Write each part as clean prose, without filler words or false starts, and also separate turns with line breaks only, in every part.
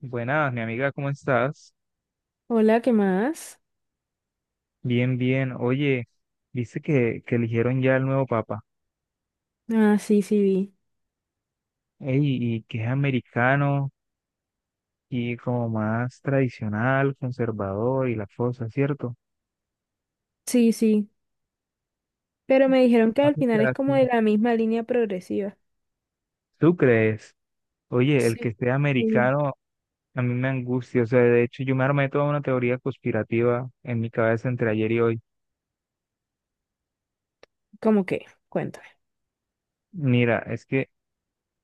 Buenas, mi amiga, ¿cómo estás?
Hola, ¿qué más?
Bien, bien. Oye, dice que eligieron ya el nuevo papa.
Ah, sí, sí, vi.
Ey, y que es americano y como más tradicional, conservador y las cosas, ¿cierto?
Sí, sí. Pero me dijeron que
Ah,
al
o
final es
sea,
como
sí.
de la misma línea progresiva.
¿Tú crees? Oye, el que
Sí.
esté
Sí.
americano a mí me angustia. O sea, de hecho, yo me armé toda una teoría conspirativa en mi cabeza entre ayer y hoy.
¿Cómo que? Cuéntame.
Mira, es que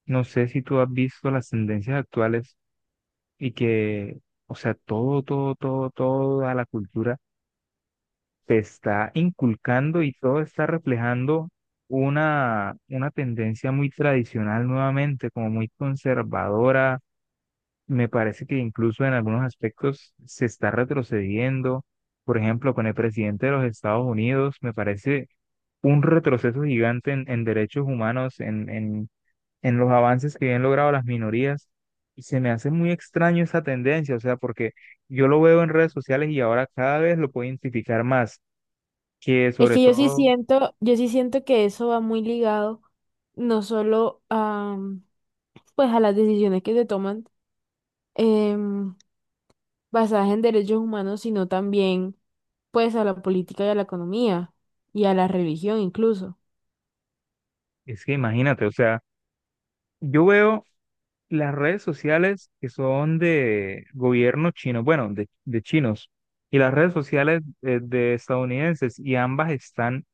no sé si tú has visto las tendencias actuales y que, o sea, toda la cultura te está inculcando y todo está reflejando una tendencia muy tradicional nuevamente, como muy conservadora. Me parece que incluso en algunos aspectos se está retrocediendo. Por ejemplo, con el presidente de los Estados Unidos, me parece un retroceso gigante en derechos humanos, en los avances que han logrado las minorías. Y se me hace muy extraño esa tendencia, o sea, porque yo lo veo en redes sociales y ahora cada vez lo puedo identificar más que
Es
sobre
que yo sí
todo,
siento, yo sí siento que eso va muy ligado no solo a, pues a las decisiones que se toman em, basadas en derechos humanos, sino también pues a la política y a la economía y a la religión incluso.
es que imagínate, o sea, yo veo las redes sociales que son de gobierno chino, bueno, de chinos, y las redes sociales de estadounidenses, y ambas están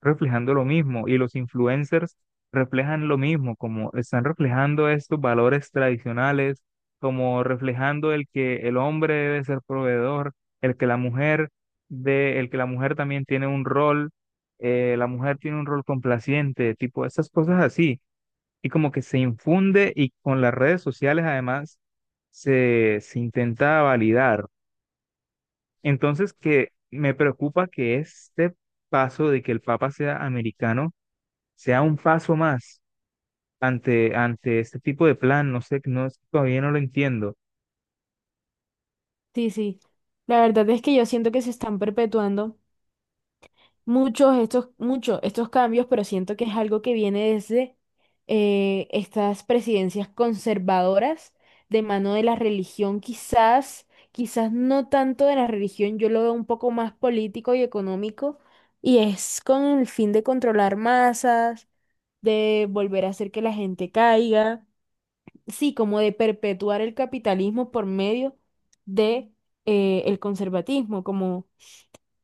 reflejando lo mismo y los influencers reflejan lo mismo, como están reflejando estos valores tradicionales, como reflejando el que el hombre debe ser proveedor, el que la mujer el que la mujer también tiene un rol, la mujer tiene un rol complaciente, tipo esas cosas así, y como que se infunde y con las redes sociales además se intenta validar. Entonces que me preocupa que este paso de que el Papa sea americano sea un paso más ante este tipo de plan, no sé, no, es que todavía no lo entiendo.
Sí, sí. La verdad es que yo siento que se están perpetuando. Muchos estos cambios, pero siento que es algo que viene desde estas presidencias conservadoras de mano de la religión, quizás, quizás no tanto de la religión, yo lo veo un poco más político y económico, y es con el fin de controlar masas, de volver a hacer que la gente caiga, sí, como de perpetuar el capitalismo por medio de el conservatismo, como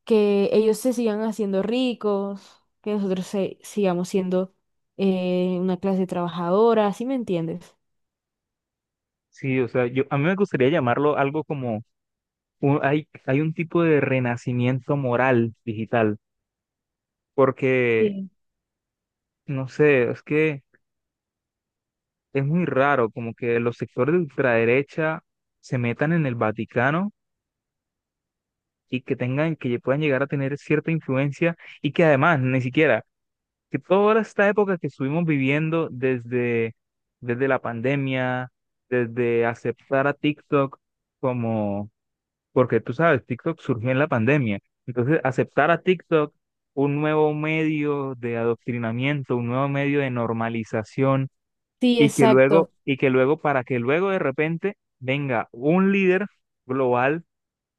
que ellos se sigan haciendo ricos, que nosotros sigamos siendo una clase trabajadora, ¿sí me entiendes?
Sí, o sea, yo, a mí me gustaría llamarlo algo como, hay, hay un tipo de renacimiento moral digital, porque,
Sí.
no sé, es que es muy raro como que los sectores de ultraderecha se metan en el Vaticano y que tengan, que puedan llegar a tener cierta influencia y que además ni siquiera que toda esta época que estuvimos viviendo desde la pandemia, desde aceptar a TikTok como, porque tú sabes, TikTok surgió en la pandemia. Entonces, aceptar a TikTok, un nuevo medio de adoctrinamiento, un nuevo medio de normalización,
Sí,
y que luego,
exacto.
y que luego, para que luego de repente venga un líder global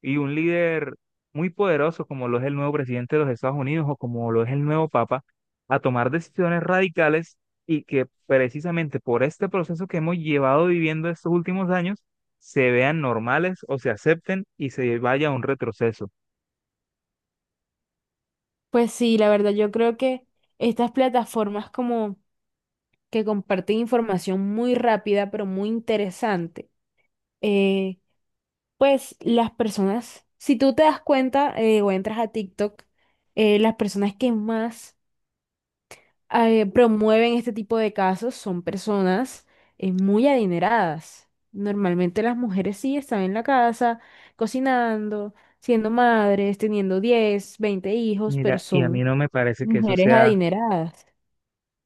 y un líder muy poderoso como lo es el nuevo presidente de los Estados Unidos o como lo es el nuevo Papa, a tomar decisiones radicales y que precisamente por este proceso que hemos llevado viviendo estos últimos años, se vean normales o se acepten y se vaya a un retroceso.
Pues sí, la verdad, yo creo que estas plataformas como que comparten información muy rápida, pero muy interesante, eh, pues las personas, si tú te das cuenta, o entras a TikTok, las personas que más promueven este tipo de casos son personas muy adineradas. Normalmente las mujeres sí están en la casa cocinando, siendo madres, teniendo 10 20 hijos, pero
Mira, y a mí
son
no me parece que eso
mujeres
sea,
adineradas.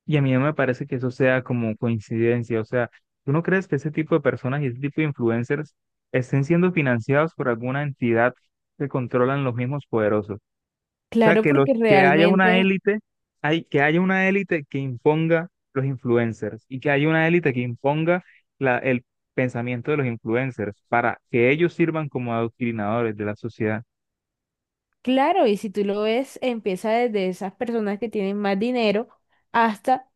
Y a mí no me parece que eso sea como coincidencia, o sea, ¿tú no crees que ese tipo de personas y ese tipo de influencers estén siendo financiados por alguna entidad que controlan los mismos poderosos? Sea,
Claro,
que los
porque
que haya una
realmente,
élite, hay que haya una élite que imponga los influencers y que haya una élite que imponga el pensamiento de los influencers para que ellos sirvan como adoctrinadores de la sociedad.
claro, y si tú lo ves, empieza desde esas personas que tienen más dinero hasta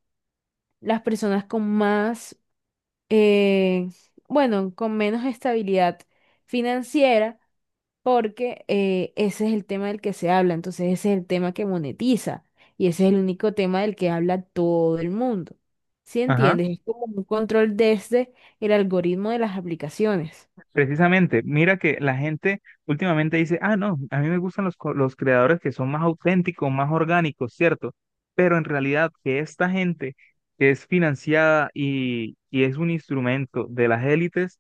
las personas con más, eh, bueno, con menos estabilidad financiera porque ese es el tema del que se habla, entonces ese es el tema que monetiza y ese es el único tema del que habla todo el mundo. ¿Sí
Ajá.
entiendes? Es como un control desde el algoritmo de las aplicaciones.
Precisamente, mira que la gente últimamente dice, ah, no, a mí me gustan los creadores que son más auténticos, más orgánicos, ¿cierto? Pero en realidad que esta gente que es financiada y es un instrumento de las élites,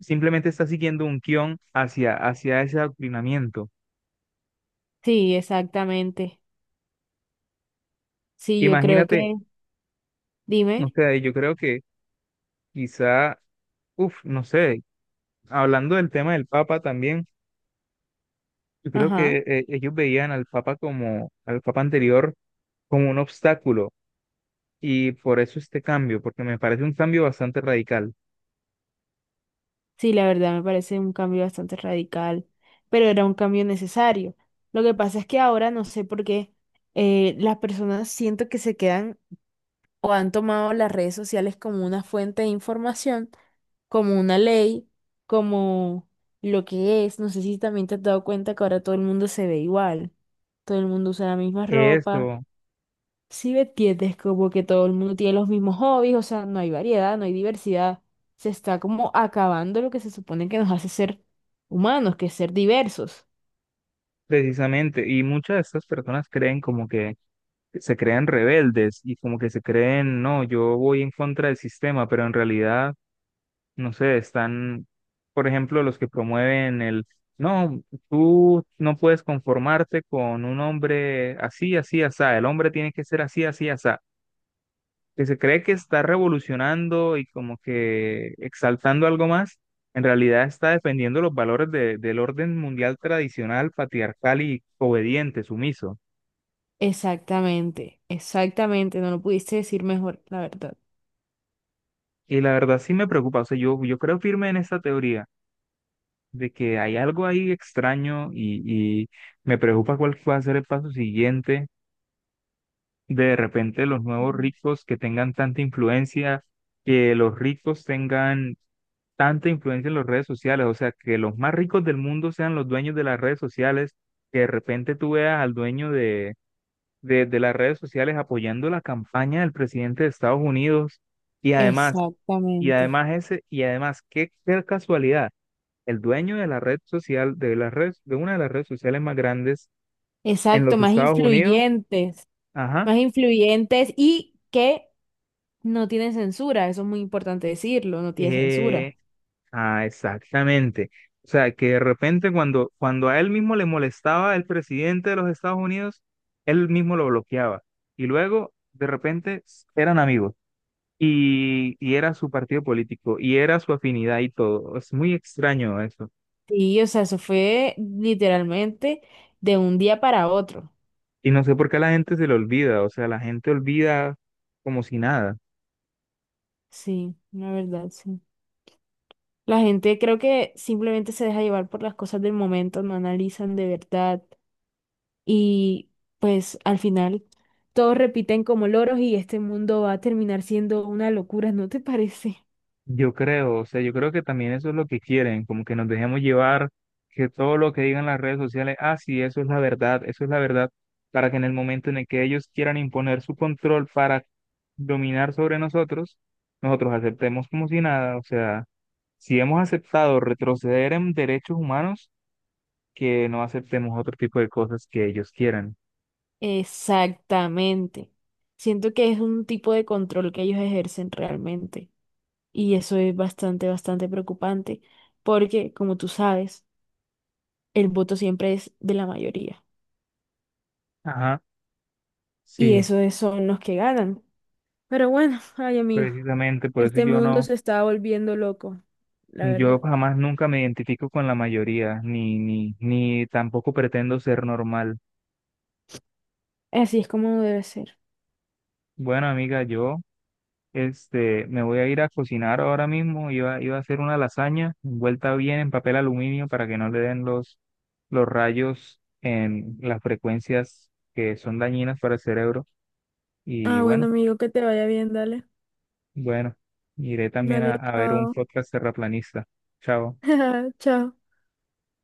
simplemente está siguiendo un guión hacia ese adoctrinamiento.
Sí, exactamente. Sí, yo creo
Imagínate,
que,
o
dime,
sea, yo creo que quizá, uff, no sé, hablando del tema del Papa también, yo creo
ajá,
que ellos veían al Papa como, al Papa anterior, como un obstáculo, y por eso este cambio, porque me parece un cambio bastante radical.
sí, la verdad me parece un cambio bastante radical, pero era un cambio necesario. Lo que pasa es que ahora no sé por qué las personas siento que se quedan o han tomado las redes sociales como una fuente de información, como una ley, como lo que es. No sé si también te has dado cuenta que ahora todo el mundo se ve igual, todo el mundo usa la misma ropa.
Eso,
Si me entiendes, como que todo el mundo tiene los mismos hobbies, o sea, no hay variedad, no hay diversidad. Se está como acabando lo que se supone que nos hace ser humanos, que es ser diversos.
precisamente, y muchas de estas personas creen como que se creen rebeldes y como que se creen, no, yo voy en contra del sistema, pero en realidad no sé, están, por ejemplo, los que promueven no, tú no puedes conformarte con un hombre así, así, asá, el hombre tiene que ser así, así, asá, que se cree que está revolucionando y como que exaltando algo más, en realidad está defendiendo los valores del orden mundial tradicional, patriarcal y obediente, sumiso.
Exactamente, exactamente, no lo pudiste decir mejor, la verdad.
Y la verdad sí me preocupa, o sea, yo creo firme en esta teoría. De que hay algo ahí extraño y me preocupa cuál va a ser el paso siguiente de repente los nuevos ricos que tengan tanta influencia, que los ricos tengan tanta influencia en las redes sociales, o sea, que los más ricos del mundo sean los dueños de las redes sociales, que de repente tú veas al dueño de las redes sociales apoyando la campaña del presidente de Estados Unidos y además,
Exactamente.
y además, qué qué casualidad el dueño de la red social, de una de las redes sociales más grandes en
Exacto,
los Estados Unidos, ajá,
más influyentes y que no tiene censura, eso es muy importante decirlo, no tiene censura.
eh, exactamente. O sea, que de repente cuando a él mismo le molestaba el presidente de los Estados Unidos, él mismo lo bloqueaba. Y luego, de repente, eran amigos. Y era su partido político, y era su afinidad y todo. Es muy extraño eso.
Sí, o sea, eso fue literalmente de un día para otro.
Y no sé por qué la gente se lo olvida, o sea, la gente olvida como si nada.
Sí, la verdad, sí. La gente creo que simplemente se deja llevar por las cosas del momento, no analizan de verdad y pues al final todos repiten como loros y este mundo va a terminar siendo una locura, ¿no te parece?
Yo creo, o sea, yo creo que también eso es lo que quieren, como que nos dejemos llevar, que todo lo que digan las redes sociales, ah, sí, eso es la verdad, eso es la verdad, para que en el momento en el que ellos quieran imponer su control para dominar sobre nosotros, nosotros aceptemos como si nada, o sea, si hemos aceptado retroceder en derechos humanos, que no aceptemos otro tipo de cosas que ellos quieran.
Exactamente. Siento que es un tipo de control que ellos ejercen realmente. Y eso es bastante, bastante preocupante, porque como tú sabes, el voto siempre es de la mayoría.
Ajá,
Y
sí,
son los que ganan. Pero bueno, ay amigo,
precisamente, por eso
este
yo
mundo
no.
se está volviendo loco, la
Yo
verdad.
jamás nunca me identifico con la mayoría, ni tampoco pretendo ser normal.
Así es como debe ser.
Bueno, amiga, me voy a ir a cocinar ahora mismo. Iba a hacer una lasaña envuelta bien en papel aluminio para que no le den los rayos en las frecuencias que son dañinas para el cerebro.
Ah,
Y
bueno,
bueno,
amigo, que te vaya bien, dale.
bueno, iré también
Dale,
a ver un
chao.
podcast terraplanista. Chao.
Chao.